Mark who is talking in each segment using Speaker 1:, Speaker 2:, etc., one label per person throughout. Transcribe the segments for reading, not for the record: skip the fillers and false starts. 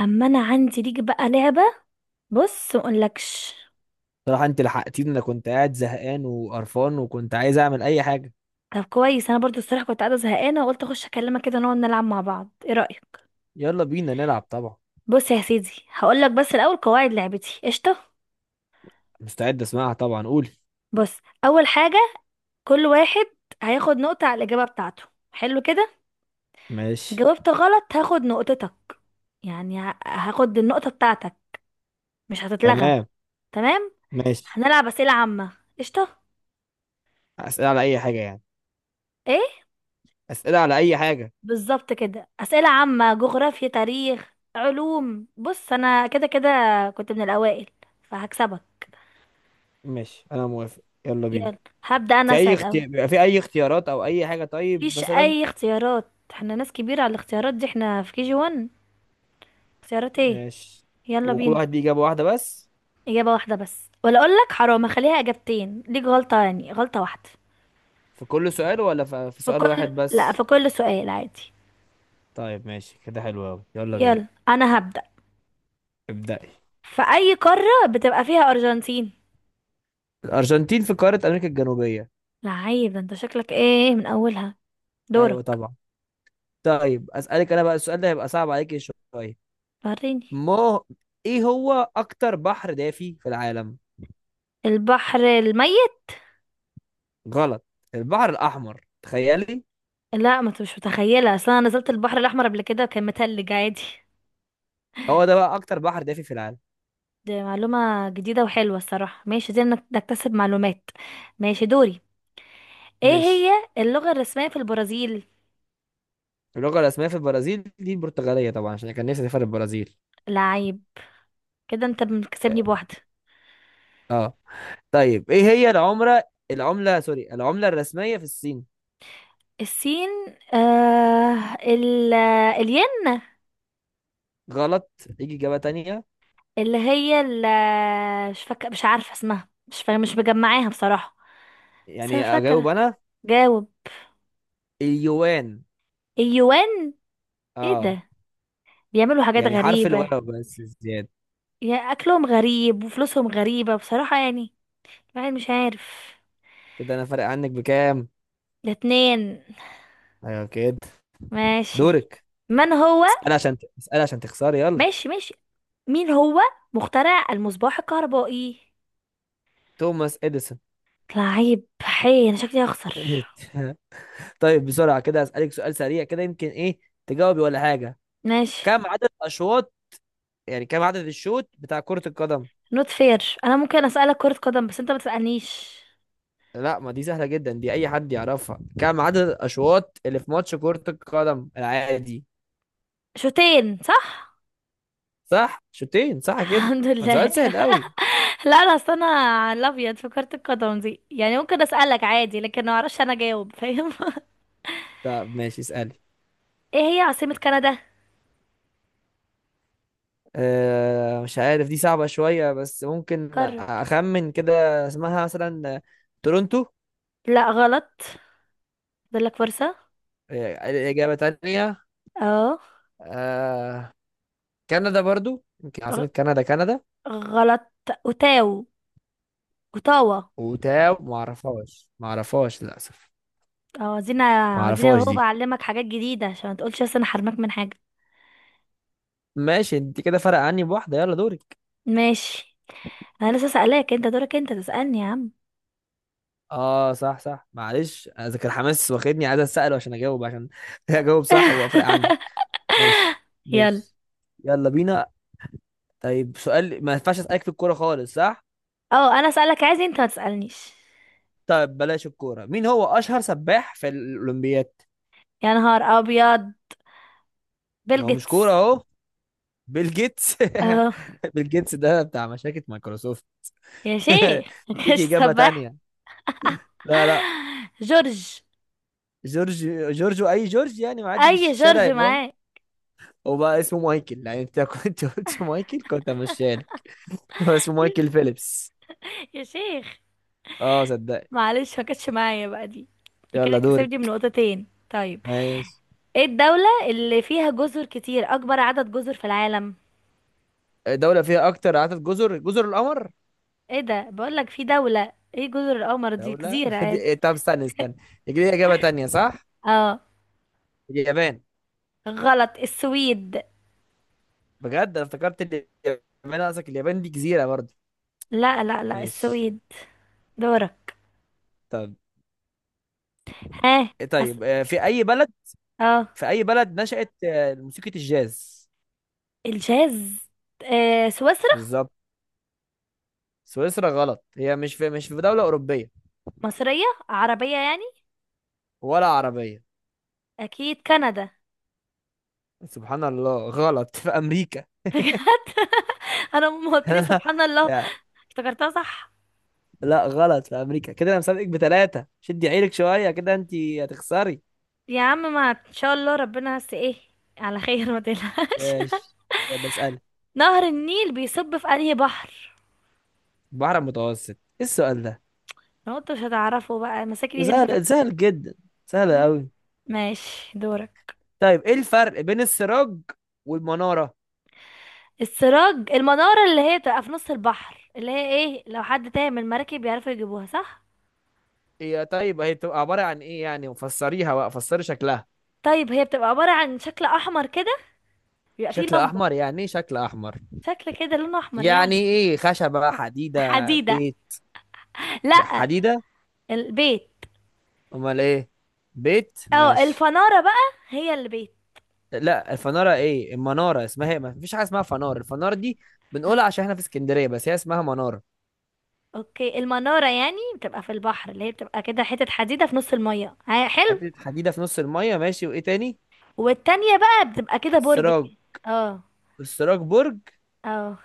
Speaker 1: اما انا عندي ليك بقى لعبه. بص، ما اقولكش.
Speaker 2: صراحة انت لحقتيني. انا كنت قاعد زهقان وقرفان وكنت عايز اعمل اي حاجة.
Speaker 1: طب كويس، انا برضو الصراحه كنت قاعده زهقانه وقلت اخش اكلمك كده نقعد نلعب مع بعض، ايه رايك؟
Speaker 2: يلا بينا نلعب طبعا.
Speaker 1: بص يا سيدي، هقولك بس الاول قواعد لعبتي، قشطه.
Speaker 2: مستعد اسمعها طبعا، قولي.
Speaker 1: بص، اول حاجه، كل واحد هياخد نقطه على الاجابه بتاعته، حلو كده.
Speaker 2: ماشي.
Speaker 1: جاوبت غلط هاخد نقطتك، يعني هاخد النقطه بتاعتك، مش هتتلغى.
Speaker 2: تمام.
Speaker 1: تمام.
Speaker 2: ماشي.
Speaker 1: هنلعب اسئله عامه، قشطه.
Speaker 2: اسئلة على اي حاجة يعني؟
Speaker 1: ايه؟
Speaker 2: اسئلة على اي حاجة.
Speaker 1: بالظبط كده، أسئلة عامة، جغرافيا، تاريخ، علوم. بص، أنا كده كده كنت من الأوائل فهكسبك.
Speaker 2: ماشي، انا موافق، يلا بينا.
Speaker 1: يلا، هبدأ أنا أسأل أول.
Speaker 2: في اي اختيارات او اي حاجة؟ طيب
Speaker 1: مفيش
Speaker 2: مثلا.
Speaker 1: أي اختيارات، احنا ناس كبيرة على الاختيارات دي، احنا في KG1، اختيارات ايه.
Speaker 2: ماشي.
Speaker 1: يلا
Speaker 2: وكل
Speaker 1: بينا.
Speaker 2: واحد ليه اجابة واحدة بس؟
Speaker 1: إجابة واحدة بس، ولا أقول لك حرام أخليها إجابتين ليك، غلطة يعني غلطة واحدة.
Speaker 2: في كل سؤال ولا في
Speaker 1: في
Speaker 2: سؤال
Speaker 1: كل،
Speaker 2: واحد
Speaker 1: لا،
Speaker 2: بس؟
Speaker 1: في كل سؤال عادي.
Speaker 2: طيب ماشي كده، حلو قوي، يلا بينا.
Speaker 1: يلا أنا هبدأ.
Speaker 2: ابدأي.
Speaker 1: في أي قارة بتبقى فيها أرجنتين؟
Speaker 2: الارجنتين في قارة امريكا الجنوبية.
Speaker 1: لعيب، ده انت شكلك ايه من أولها.
Speaker 2: ايوه
Speaker 1: دورك.
Speaker 2: طبعا. طيب اسالك انا بقى. السؤال ده هيبقى صعب عليك شويه.
Speaker 1: وريني.
Speaker 2: ما ايه هو اكتر بحر دافي في العالم؟
Speaker 1: البحر الميت.
Speaker 2: غلط. البحر الاحمر، تخيلي.
Speaker 1: لا، ما انت مش متخيله، اصل انا نزلت البحر الاحمر قبل كده وكان متلج عادي.
Speaker 2: هو ده بقى اكتر بحر دافي في العالم.
Speaker 1: دي معلومه جديده وحلوه الصراحه، ماشي دي انك نكتسب معلومات. ماشي دوري. ايه
Speaker 2: ماشي.
Speaker 1: هي اللغه الرسميه في البرازيل؟
Speaker 2: اللغه الرسميه في البرازيل دي البرتغاليه طبعا، عشان كان نفسي اسافر البرازيل.
Speaker 1: لعيب، كده انت مكسبني بواحده.
Speaker 2: اه. طيب ايه هي العمره العمله سوري العمله الرسميه في الصين؟
Speaker 1: السين، آه ال الين.
Speaker 2: غلط. يجي اجابه تانية؟
Speaker 1: اللي هي ال، مش فاكره، مش عارفه اسمها، مش فاكره، مش مجمعاها بصراحه. بس انا
Speaker 2: يعني اجاوب
Speaker 1: فاكره.
Speaker 2: انا؟
Speaker 1: جاوب.
Speaker 2: اليوان.
Speaker 1: اليوان. ايه
Speaker 2: اه.
Speaker 1: ده، بيعملوا حاجات
Speaker 2: يعني حرف
Speaker 1: غريبه،
Speaker 2: الواو بس زياده.
Speaker 1: يعني اكلهم غريب وفلوسهم غريبة بصراحة، يعني الواحد مش عارف.
Speaker 2: كده انا فارق عنك بكام؟
Speaker 1: ده اتنين.
Speaker 2: ايوه كده.
Speaker 1: ماشي.
Speaker 2: دورك.
Speaker 1: من هو،
Speaker 2: اسأل عشان تخسري، يلا.
Speaker 1: ماشي ماشي، مين هو مخترع المصباح الكهربائي؟
Speaker 2: توماس اديسون.
Speaker 1: لعيب حي، انا شكلي هخسر.
Speaker 2: طيب بسرعة كده اسألك سؤال سريع، كده يمكن ايه تجاوبي ولا حاجة.
Speaker 1: ماشي.
Speaker 2: كم عدد اشواط يعني كم عدد الشوط بتاع كرة القدم؟
Speaker 1: نوت فير، انا ممكن اسألك كرة قدم بس انت ما تسألنيش.
Speaker 2: لا، ما دي سهلة جدا، دي اي حد يعرفها. كم عدد الاشواط اللي في ماتش كرة القدم العادي؟
Speaker 1: شوتين صح؟
Speaker 2: صح، شوطين، صح كده.
Speaker 1: الحمد
Speaker 2: ما
Speaker 1: لله.
Speaker 2: سؤال سهل قوي.
Speaker 1: لا، انا اصل انا على الابيض في كرة القدم دي، يعني ممكن اسألك عادي لكن ما اعرفش انا اجاوب، فاهم؟
Speaker 2: طب ماشي، اسألي.
Speaker 1: ايه هي عاصمة كندا؟
Speaker 2: مش عارف، دي صعبة شوية، بس ممكن
Speaker 1: قرب.
Speaker 2: أخمن كده. اسمها مثلا تورونتو.
Speaker 1: لا، غلط، فاضلك فرصة.
Speaker 2: آه، الإجابة تانية.
Speaker 1: اه،
Speaker 2: آه. كندا برضو، يمكن عاصمة
Speaker 1: غ-
Speaker 2: كندا كندا.
Speaker 1: غلط. اوتاو اوتاوا.
Speaker 2: وتاو، معرفهاش للأسف.
Speaker 1: اه، عايزين عايزين اهو
Speaker 2: معرفهاش دي.
Speaker 1: بعلمك حاجات جديدة عشان ما تقولش بس انا حرمك من حاجة.
Speaker 2: ماشي، انت كده فرق عني بواحدة، يلا دورك.
Speaker 1: ماشي، انا لسه سألاك، انت دورك انت تسألني يا عم.
Speaker 2: اه صح صح، معلش، ذاكر حماس واخدني، عايز اسأله عشان اجاوب عشان اجاوب صح وافرق عني. ماشي.
Speaker 1: يلا.
Speaker 2: ماشي. يلا بينا. طيب سؤال، ما ينفعش اسألك في الكورة خالص، صح؟
Speaker 1: اه، انا اسألك عايز، انت ما تسألنيش.
Speaker 2: طيب بلاش الكورة. مين هو أشهر سباح في الأولمبياد؟
Speaker 1: يا نهار ابيض، بيل
Speaker 2: هو مش
Speaker 1: جيتس.
Speaker 2: كورة أهو. بيل جيتس.
Speaker 1: اه.
Speaker 2: بيل جيتس ده بتاع مشاكل مايكروسوفت.
Speaker 1: يا شيخ،
Speaker 2: ديك
Speaker 1: مكانش
Speaker 2: إجابة
Speaker 1: سباح.
Speaker 2: تانية؟ لا لا.
Speaker 1: جورج.
Speaker 2: جورج؟ جورج؟ أي جورج؟ يعني معدي في
Speaker 1: اي
Speaker 2: الشارع
Speaker 1: جورج
Speaker 2: يبقى هو؟
Speaker 1: معاك؟
Speaker 2: هو بقى اسمه مايكل، يعني أنت كنت قلت مايكل كنت مشاني. هو اسمه مايكل فيليبس.
Speaker 1: يا شيخ.
Speaker 2: أه، صدق.
Speaker 1: معلش، ما كانتش معايا بقى دي، دي كده
Speaker 2: يلا دوري.
Speaker 1: كسبتي من نقطتين، طيب.
Speaker 2: ماشي.
Speaker 1: ايه الدولة اللي فيها جزر كتير، اكبر عدد جزر في العالم؟
Speaker 2: دولة فيها أكتر عدد جزر جزر القمر.
Speaker 1: ايه ده، بقول لك في دولة ايه، جزر القمر دي
Speaker 2: دولة؟
Speaker 1: جزيرة عادي.
Speaker 2: دي طب استنى استنى، يجي لي إجابة تانية، صح؟
Speaker 1: اه
Speaker 2: اليابان.
Speaker 1: غلط، السويد.
Speaker 2: بجد، أنا افتكرت اليابان، قصدك اليابان دي جزيرة برضه.
Speaker 1: لا، لا، لا،
Speaker 2: ماشي.
Speaker 1: السويد. دورك.
Speaker 2: طب.
Speaker 1: ها. أس...
Speaker 2: طيب
Speaker 1: اه،
Speaker 2: في اي بلد نشأت موسيقى الجاز؟
Speaker 1: الجاز. سويسرا.
Speaker 2: بالظبط. سويسرا غلط، هي مش في دولة أوروبية.
Speaker 1: مصرية، عربية يعني.
Speaker 2: ولا عربية.
Speaker 1: اكيد كندا.
Speaker 2: سبحان الله، غلط، في أمريكا.
Speaker 1: بجد؟ انا ما قلت لي سبحان الله،
Speaker 2: لا
Speaker 1: افتكرتها صح.
Speaker 2: لا، غلط، في أمريكا. كده أنا مسابقك بتلاتة، شدي عيلك شوية كده، أنت هتخسري.
Speaker 1: يا عم ما ان شاء الله ربنا، بس ايه على خير ما تقلقش.
Speaker 2: ايش. يلا اسألي.
Speaker 1: نهر النيل بيصب في انهي بحر؟
Speaker 2: البحر المتوسط. إيه السؤال ده؟
Speaker 1: لو انت مش هتعرفه بقى
Speaker 2: ده
Speaker 1: مساكني انت
Speaker 2: سهل،
Speaker 1: فاكر.
Speaker 2: سهل جدا، سهل أوي.
Speaker 1: ماشي دورك.
Speaker 2: طيب إيه الفرق بين السراج والمنارة؟
Speaker 1: السراج، المنارة اللي هي بتبقى في نص البحر، اللي هي ايه، لو حد تايه من المراكب بيعرفوا يجيبوها، صح.
Speaker 2: هي طيب، هي بتبقى عبارة عن إيه يعني، وفسريها بقى، فسري شكلها.
Speaker 1: طيب، هي بتبقى عبارة عن شكل احمر كده، بيبقى فيه
Speaker 2: شكله
Speaker 1: لمبة.
Speaker 2: احمر؟ يعني ايه شكله احمر؟
Speaker 1: شكل كده لونه احمر
Speaker 2: يعني
Speaker 1: يعني.
Speaker 2: ايه، خشبة، حديدة،
Speaker 1: حديدة.
Speaker 2: بيت؟
Speaker 1: لا،
Speaker 2: حديدة.
Speaker 1: البيت.
Speaker 2: امال ايه؟ بيت
Speaker 1: اه،
Speaker 2: ماشي.
Speaker 1: الفنارة بقى هي البيت.
Speaker 2: لا الفنارة، ايه المنارة، اسمها ايه، ما فيش حاجة اسمها فنار، الفنار دي بنقولها عشان احنا في اسكندرية، بس هي اسمها منارة.
Speaker 1: اوكي، المنارة يعني بتبقى في البحر، اللي هي بتبقى كده حتة حديدة في نص المية، حلو.
Speaker 2: حتة حديدة في نص المية، ماشي، وايه تاني؟
Speaker 1: والتانية بقى بتبقى كده برج
Speaker 2: السراج؟
Speaker 1: كده. اه.
Speaker 2: السراج برج؟
Speaker 1: اه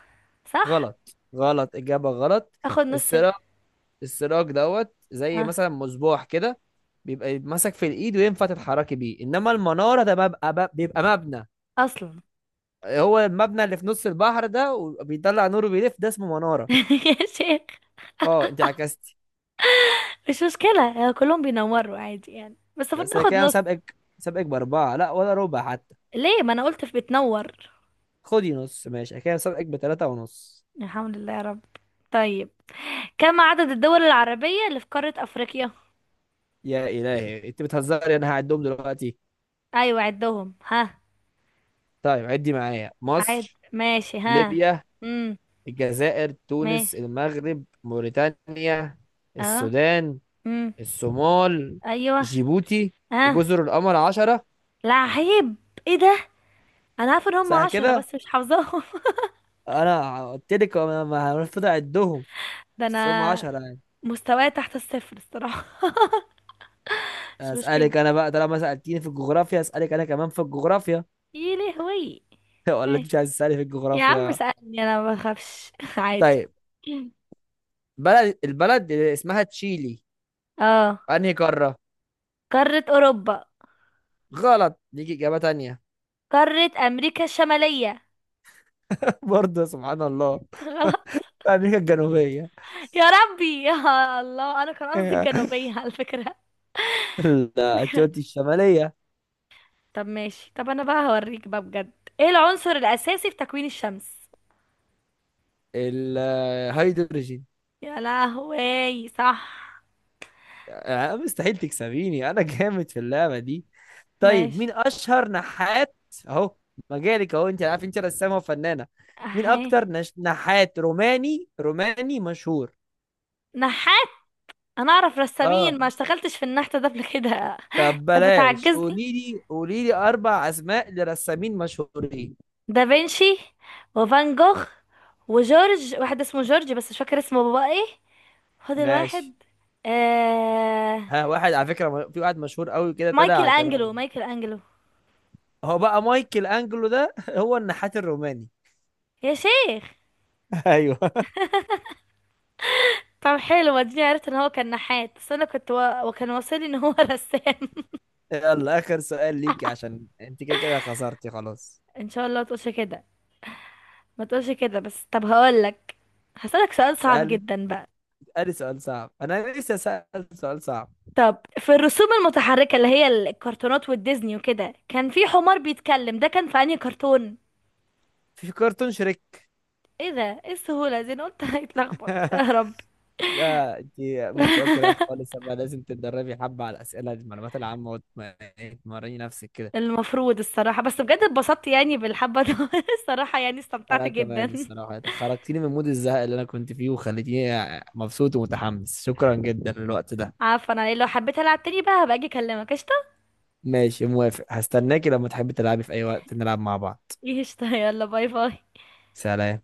Speaker 1: صح.
Speaker 2: غلط غلط، اجابة غلط.
Speaker 1: اخد نص ده.
Speaker 2: السراج. السراج دوت، زي
Speaker 1: اه.
Speaker 2: مثلا مصباح كده، بيبقى ماسك في الايد وينفع تتحركي بيه. انما المنارة ده بيبقى مبنى.
Speaker 1: اصلا.
Speaker 2: هو المبنى اللي في نص البحر ده وبيطلع نور وبيلف، ده اسمه منارة.
Speaker 1: يا شيخ.
Speaker 2: اه انت عكستي.
Speaker 1: مش مشكلة، كلهم بينوروا عادي يعني، بس المفروض
Speaker 2: بس أنا
Speaker 1: ناخد
Speaker 2: كده
Speaker 1: نص.
Speaker 2: مسابقك، مسابقك بأربعة، لا ولا ربع حتى.
Speaker 1: ليه، ما انا قلت في بتنور.
Speaker 2: خدي نص، ماشي، أنا كده مسابقك بتلاتة ونص.
Speaker 1: الحمد لله يا رب. طيب، كم عدد الدول العربية اللي في قارة افريقيا؟
Speaker 2: يا إلهي، انت بتهزري، انا هعدهم دلوقتي.
Speaker 1: ايوه عدهم، ها.
Speaker 2: طيب عدي معايا.
Speaker 1: عد.
Speaker 2: مصر،
Speaker 1: ماشي، ها.
Speaker 2: ليبيا،
Speaker 1: امم.
Speaker 2: الجزائر،
Speaker 1: ماشي
Speaker 2: تونس، المغرب، موريتانيا،
Speaker 1: اه.
Speaker 2: السودان،
Speaker 1: امم.
Speaker 2: الصومال،
Speaker 1: ايوه.
Speaker 2: جيبوتي،
Speaker 1: ها.
Speaker 2: وجزر القمر. عشرة،
Speaker 1: لا عيب، ايه ده، انا عارفه ان هم
Speaker 2: صح
Speaker 1: 10
Speaker 2: كده؟
Speaker 1: بس مش حافظاهم.
Speaker 2: انا قلت لك ما هنفضل عدهم.
Speaker 1: ده
Speaker 2: بس هم
Speaker 1: انا
Speaker 2: 10.
Speaker 1: مستواي تحت الصفر الصراحه. مش مشكله.
Speaker 2: اسالك انا بقى، طالما سالتيني في الجغرافيا اسالك انا كمان في الجغرافيا.
Speaker 1: ايه لهوي؟
Speaker 2: ولا انت
Speaker 1: إيه.
Speaker 2: مش عايز تسالي في
Speaker 1: يا عم
Speaker 2: الجغرافيا؟
Speaker 1: سألني، انا ما بخافش عادي.
Speaker 2: طيب البلد اللي اسمها تشيلي،
Speaker 1: اه.
Speaker 2: انهي قاره؟
Speaker 1: قاره اوروبا.
Speaker 2: غلط، ليك اجابه تانية.
Speaker 1: قاره امريكا الشماليه.
Speaker 2: برضه، سبحان الله.
Speaker 1: غلط.
Speaker 2: امريكا الجنوبيه.
Speaker 1: يا ربي، يا الله، انا كان قصدي الجنوبيه على فكره.
Speaker 2: اثيوبيا الشماليه.
Speaker 1: طب ماشي، طب انا بقى هوريك بقى بجد. ايه العنصر الاساسي في تكوين الشمس؟
Speaker 2: الهيدروجين.
Speaker 1: يا لهوي، صح.
Speaker 2: آه، مستحيل تكسبيني، انا جامد في اللعبه دي. طيب
Speaker 1: ماشي.
Speaker 2: مين اشهر نحات؟ اهو، مجالك اهو، انت عارف انت رسامه وفنانه. مين
Speaker 1: اهي.
Speaker 2: اكتر نحات روماني، روماني مشهور.
Speaker 1: نحاس. انا اعرف
Speaker 2: اه.
Speaker 1: رسامين، ما اشتغلتش في النحت ده قبل كده.
Speaker 2: طب
Speaker 1: انت
Speaker 2: بلاش،
Speaker 1: بتعجزني.
Speaker 2: قولي لي اربع اسماء لرسامين مشهورين.
Speaker 1: دافنشي، وفان جوخ، وجورج، واحد اسمه جورج بس مش فاكر اسمه بابا ايه. خد
Speaker 2: ماشي.
Speaker 1: الواحد. آه...
Speaker 2: ها، واحد على فكره، في واحد مشهور قوي كده
Speaker 1: مايكل
Speaker 2: طلع كان.
Speaker 1: انجلو، مايكل انجلو.
Speaker 2: هو بقى مايكل انجلو ده، هو النحات الروماني.
Speaker 1: يا شيخ.
Speaker 2: ايوه.
Speaker 1: طب حلو، اديني عرفت ان هو كان نحات، بس انا كنت وكان واصلي ان هو رسام.
Speaker 2: يلا اخر سؤال ليكي، عشان انت كده كده خسرتي خلاص.
Speaker 1: ان شاء الله ما تقولش كده، ما تقولش كده بس، طب هقولك، هسألك سؤال صعب
Speaker 2: اسالي.
Speaker 1: جدا بقى.
Speaker 2: اسالي سؤال صعب، انا لسه سأل سؤال صعب.
Speaker 1: طب في الرسوم المتحركة اللي هي الكرتونات والديزني وكده، كان في حمار بيتكلم، ده كان في انهي كرتون؟
Speaker 2: في كرتون شريك.
Speaker 1: ايه ده، ايه السهولة دي، انا قلت هيتلخبط يا رب.
Speaker 2: يا انت، مستواك رايح خالص، اما لازم تتدربي حبة على الأسئلة دي، المعلومات العامة، وتمرني نفسك كده.
Speaker 1: المفروض الصراحة، بس بجد اتبسطت يعني بالحبة دي. الصراحة يعني استمتعت
Speaker 2: انا كمان
Speaker 1: جدا.
Speaker 2: الصراحة خرجتيني من مود الزهق اللي انا كنت فيه، وخليتيني مبسوط ومتحمس. شكرا جدا للوقت ده.
Speaker 1: عفوا، انا لو حبيت العب تاني بقى هبقى اجي اكلمك، قشطة.
Speaker 2: ماشي، موافق، هستناكي لما تحبي تلعبي، في اي وقت نلعب مع بعض.
Speaker 1: قشطة، يلا باي باي.
Speaker 2: سلام.